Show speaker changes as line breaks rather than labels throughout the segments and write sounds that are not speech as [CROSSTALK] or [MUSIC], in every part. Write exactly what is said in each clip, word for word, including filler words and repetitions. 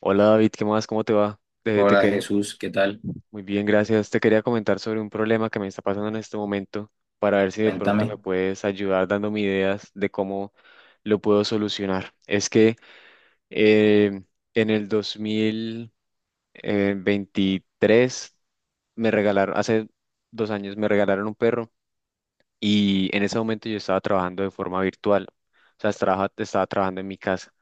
Hola David, ¿qué más? ¿Cómo te va? Eh, te
Hola
quer-
Jesús, ¿qué tal?
muy bien, gracias. Te quería comentar sobre un problema que me está pasando en este momento para ver si de pronto me
Cuéntame.
puedes ayudar dándome ideas de cómo lo puedo solucionar. Es que eh, en el dos mil veintitrés me regalaron, hace dos años me regalaron un perro y en ese momento yo estaba trabajando de forma virtual. O sea, estaba, estaba trabajando en mi casa.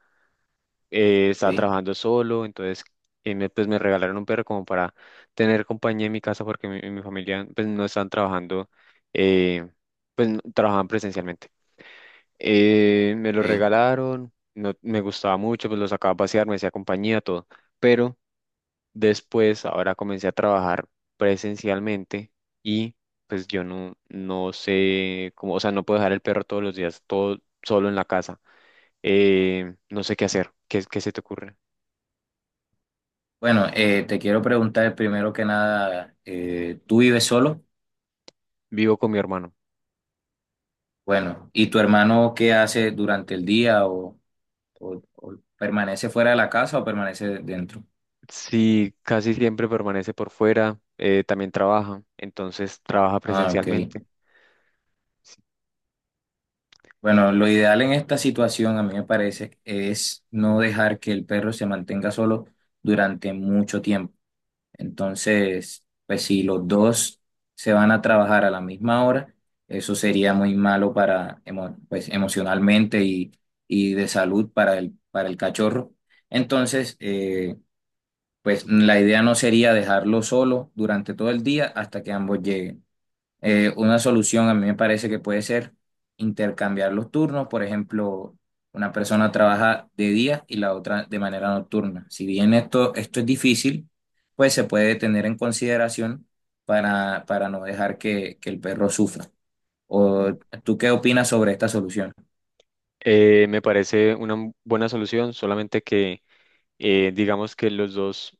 eh, Estaba
Ok,
trabajando solo, entonces eh, me, pues me regalaron un perro como para tener compañía en mi casa porque mi, mi familia pues no estaban trabajando, eh, pues no- trabajaban presencialmente. Eh, me lo
ok.
regalaron, no, me gustaba mucho, pues lo sacaba a pasear, me hacía compañía, todo. Pero después, ahora comencé a trabajar presencialmente y pues yo no, no sé cómo, o sea, no puedo dejar el perro todos los días, todo solo en la casa. Eh, no sé qué hacer. ¿Qué, qué se te ocurre?
Bueno, eh, te quiero preguntar primero que nada, eh, ¿tú vives solo?
Vivo con mi hermano.
Bueno, ¿y tu hermano qué hace durante el día o, o- o permanece fuera de la casa o permanece dentro?
Sí, casi siempre permanece por fuera, eh, también trabaja, entonces trabaja
Ah, ok.
presencialmente. Sí.
Bueno, lo ideal en esta situación, a mí me parece, es no dejar que el perro se mantenga solo durante mucho tiempo. Entonces, pues si los dos se van a trabajar a la misma hora, eso sería muy malo para, emo- pues, emocionalmente y, y de salud para el, para el cachorro. Entonces, eh, pues la idea no sería dejarlo solo durante todo el día hasta que ambos lleguen. Eh, una solución a mí me parece que puede ser intercambiar los turnos, por ejemplo, una persona trabaja de día y la otra de manera nocturna. Si bien esto, esto es difícil, pues se puede tener en consideración para, para no dejar que, que el perro sufra. ¿O tú qué opinas sobre esta solución?
Eh, me parece una m- buena solución, solamente que eh, digamos que los dos,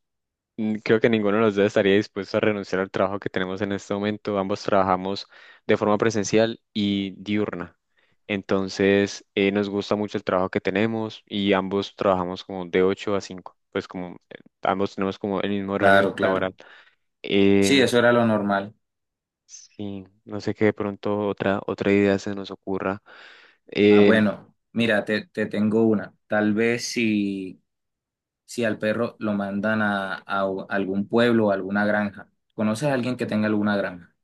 Mm, creo que ninguno de los dos estaría dispuesto a renunciar al trabajo que tenemos en este momento. Ambos trabajamos de forma presencial y diurna. Entonces, eh, nos gusta mucho el trabajo que tenemos y ambos trabajamos como de ocho a cinco. Pues como eh, ambos tenemos como el mismo horario
Claro, claro.
laboral.
Sí,
Em,
eso era lo normal.
sí, no sé qué de pronto otra, otra idea se nos ocurra.
Ah,
Em,
bueno, mira, te, te tengo una. Tal vez si si al perro lo mandan a, a u- algún pueblo o alguna granja. ¿Conoces a alguien que tenga alguna granja?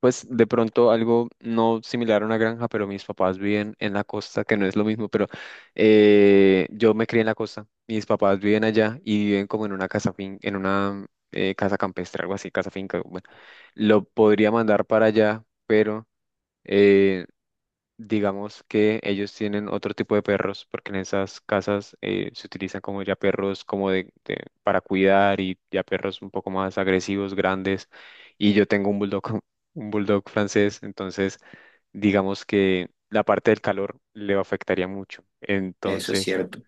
Pues de pronto algo no similar a una granja, pero mis papás viven en la costa, que no es lo mismo, pero eh, yo me crié en la costa, mis papás viven allá y viven como en una casa fin, en una eh, casa campestre, algo así, casa finca. Bueno, lo podría mandar para allá, pero eh, digamos que ellos tienen otro tipo de perros, porque en esas casas eh, se utilizan como ya perros como de, de- para cuidar y ya perros un poco más agresivos, grandes. Y yo tengo un bulldog, [LAUGHS] un bulldog francés, entonces digamos que la parte del calor le afectaría mucho.
Eso es
Entonces,
cierto,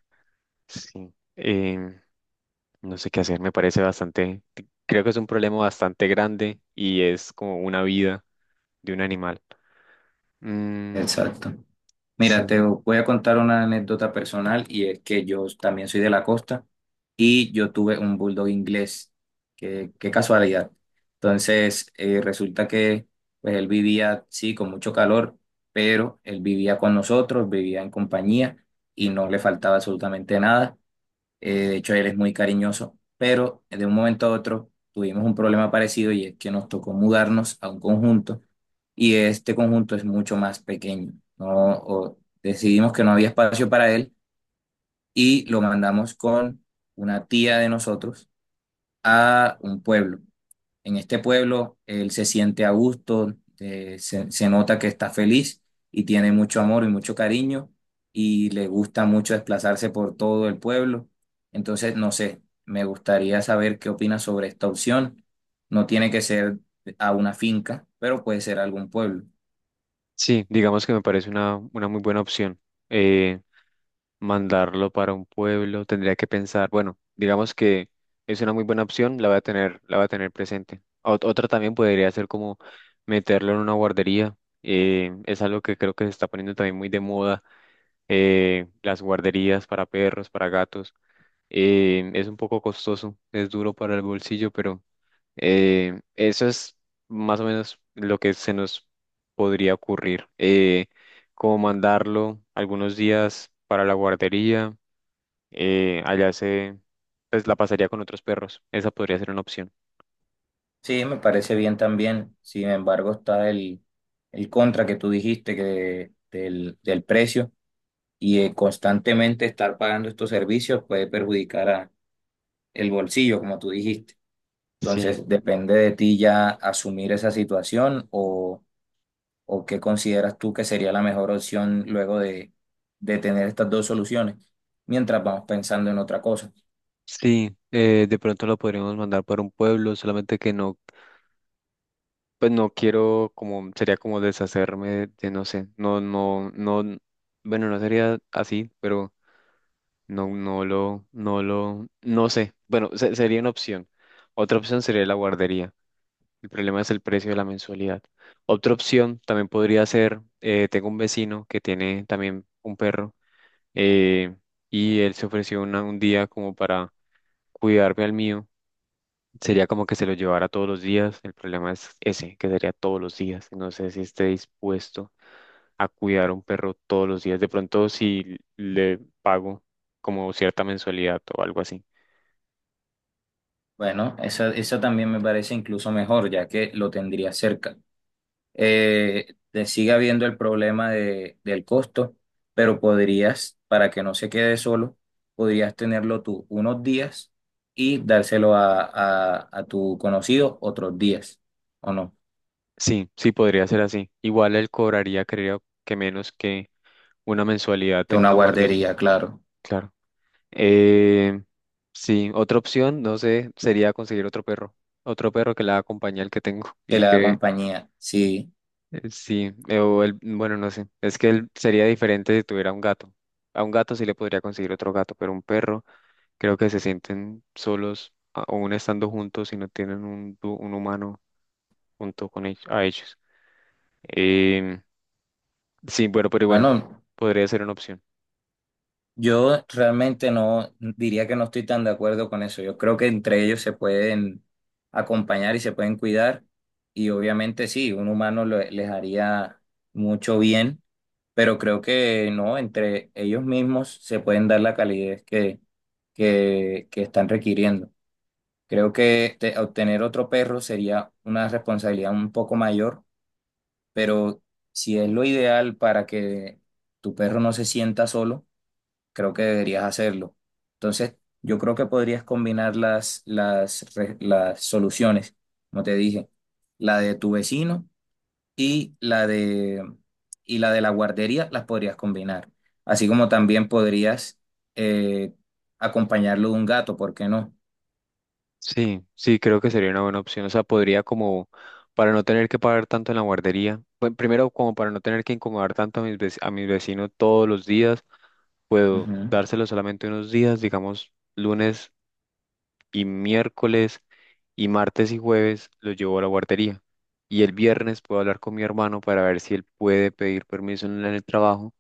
sí, em, no sé qué hacer, me parece bastante, creo que es un problema bastante grande y es como una vida de un animal. Mm,
exacto. Mira,
sí.
te voy a contar una anécdota personal y es que yo también soy de la costa y yo tuve un bulldog inglés. Qué, qué casualidad. Entonces, eh, resulta que pues, él vivía, sí, con mucho calor, pero él vivía con nosotros, vivía en compañía y no le faltaba absolutamente nada. Eh, de hecho, él es muy cariñoso, pero de un momento a otro tuvimos un problema parecido y es que nos tocó mudarnos a un conjunto y este conjunto es mucho más pequeño. No, o decidimos que no había espacio para él y lo mandamos con una tía de nosotros a un pueblo. En este pueblo él se siente a gusto, eh, se, se nota que está feliz y tiene mucho amor y mucho cariño y le gusta mucho desplazarse por todo el pueblo. Entonces, no sé, me gustaría saber qué opinas sobre esta opción. No tiene que ser a una finca, pero puede ser algún pueblo.
Sí, digamos que me parece una, una muy buena opción. Eh, Mandarlo para un pueblo, tendría que pensar, bueno, digamos que es una muy buena opción, la voy a tener, la voy a tener presente. Ot- otra también podría ser como meterlo en una guardería. Eh, es algo que creo que se está poniendo también muy de moda, eh, las guarderías para perros, para gatos. Eh, es un poco costoso, es duro para el bolsillo, pero eh, eso es más o menos lo que se nos podría ocurrir. Eh, como mandarlo algunos días para la guardería, eh, allá se, pues la pasaría con otros perros. Esa podría ser una opción.
Sí, me parece bien también. Sin embargo, está el, el contra que tú dijiste que de- del, del precio y eh, constantemente estar pagando estos servicios puede perjudicar a el bolsillo, como tú dijiste.
Sí,
Entonces, depende de ti ya asumir esa situación o, o qué consideras tú que sería la mejor opción luego de, de tener estas dos soluciones, mientras vamos pensando en otra cosa.
sí, eh, de pronto lo podríamos mandar para un pueblo, solamente que no, pues no quiero como, sería como deshacerme de, no sé, no, no, no, bueno, no sería así, pero no, no lo, no lo, no sé. Bueno, se- sería una opción. Otra opción sería la guardería. El problema es el precio de la mensualidad. Otra opción también podría ser, eh, tengo un vecino que tiene también un perro eh, y él se ofreció una- un día como para cuidarme al mío. Sería como que se lo llevara todos los días. El problema es ese, que sería todos los días. No sé si esté dispuesto a cuidar a un perro todos los días. De pronto, si le pago como cierta mensualidad o algo así.
Bueno, esa, esa también me parece incluso mejor, ya que lo tendría cerca. Eh, te sigue habiendo el problema de- del costo, pero podrías, para que no se quede solo, podrías tenerlo tú unos días y dárselo a, a- a tu conocido otros días, ¿o no?
Sí, sí, podría ser así. Igual él cobraría, creo que menos que una mensualidad
De
en
una
una guardería,
guardería, claro,
claro. Eh, sí, otra opción, no sé, sería conseguir otro perro, otro perro que la acompañe al que tengo [LAUGHS]
que
y
le da
que
compañía. Sí,
eh, sí, eh, o el bueno, no sé, es que él sería diferente si tuviera un gato. A un gato sí le podría conseguir otro gato, pero un perro creo que se sienten solos, a- aún estando juntos y no tienen un, du- un humano junto con ellos, a ellos. Em, Sí, bueno, pero bueno,
bueno.
podría ser una opción.
Yo realmente no diría que no estoy tan de acuerdo con eso. Yo creo que entre ellos se pueden acompañar y se pueden cuidar. Y obviamente sí, un humano lo- les haría mucho bien, pero creo que no, entre ellos mismos se pueden dar la calidez que, que, que están requiriendo. Creo que te- obtener otro perro sería una responsabilidad un poco mayor, pero si es lo ideal para que tu perro no se sienta solo creo que deberías hacerlo. Entonces, yo creo que podrías combinar las, las, re- las soluciones, como te dije, la de tu vecino y la de, y la de la guardería, las podrías combinar. Así como también podrías eh, acompañarlo de un gato, ¿por qué no?
Sí, sí, creo que sería una buena opción. O sea, podría como para no tener que pagar tanto en la guardería. Bueno, primero, como para no tener que incomodar tanto a mis vec- a mis vecinos todos los días, puedo
Ujú.
dárselo solamente unos días, digamos, lunes y miércoles y martes y jueves lo llevo a la guardería. Y el viernes puedo hablar con mi hermano para ver si él puede pedir permiso en el trabajo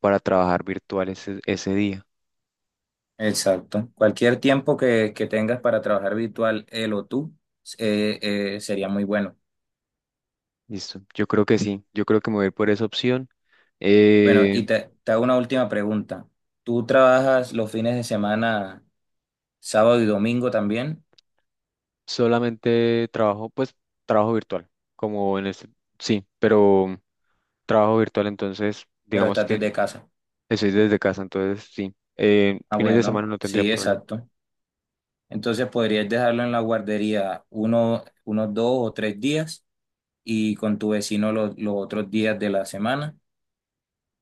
para trabajar virtual ese ese día.
Exacto. Cualquier tiempo que, que tengas para trabajar virtual, él o tú, eh, eh, sería muy bueno.
Listo, yo creo que sí, yo creo que me voy a ir por esa opción.
Bueno,
Eh,
y te, te hago una última pregunta. ¿Tú trabajas los fines de semana, sábado y domingo también,
Solamente trabajo, pues trabajo virtual, como en este, sí, pero trabajo virtual, entonces
pero
digamos
estás
que
desde casa?
estoy desde casa, entonces sí, eh,
Ah,
fines de semana
bueno,
no tendría
sí,
problema.
exacto. Entonces podrías dejarlo en la guardería uno, unos dos o tres días y con tu vecino los, los otros días de la semana.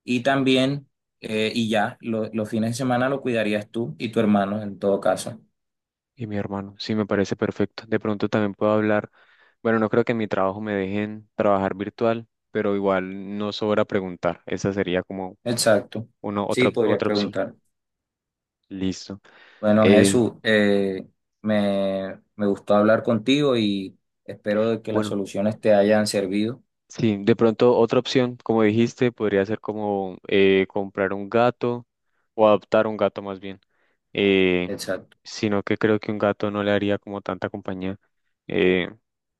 Y también, eh, y ya, lo- los fines de semana lo cuidarías tú y tu hermano en todo caso.
Y mi hermano, sí, me parece perfecto. De pronto también puedo hablar, bueno, no creo que en mi trabajo me dejen trabajar virtual, pero igual no sobra preguntar, esa sería como
Exacto.
una
Sí,
otra,
podrías
otra opción.
preguntar.
Listo.
Bueno,
Eh,
Jesús, eh, me, me gustó hablar contigo y espero de que las
bueno.
soluciones te hayan servido.
Sí, de pronto otra opción, como dijiste, podría ser como eh, comprar un gato o adoptar un gato más bien, eh,
Exacto.
sino que creo que un gato no le haría como tanta compañía eh,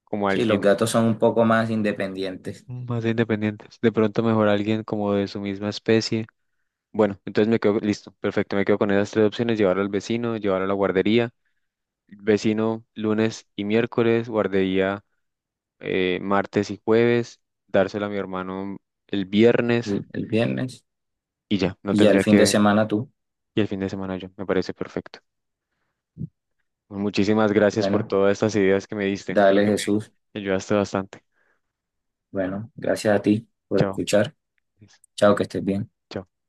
como
Sí, los
alguien
gatos son un poco más independientes
más independiente. De pronto mejor alguien como de su misma especie. Bueno, entonces me quedo listo, perfecto, me quedo con esas tres opciones, llevarlo al vecino, llevarlo a la guardería, vecino lunes y miércoles, guardería eh, martes y jueves, dárselo a mi hermano el viernes.
el, el viernes
Y ya, no
y ya el
tendría
fin de
que...
semana tú.
Y el fin de semana yo, me parece perfecto. Pues muchísimas gracias por
Bueno,
todas estas ideas que me diste. Creo
dale,
que me
Jesús.
ayudaste bastante.
Bueno, gracias a ti por
Chao.
escuchar. Chao, que estés bien.
Chao.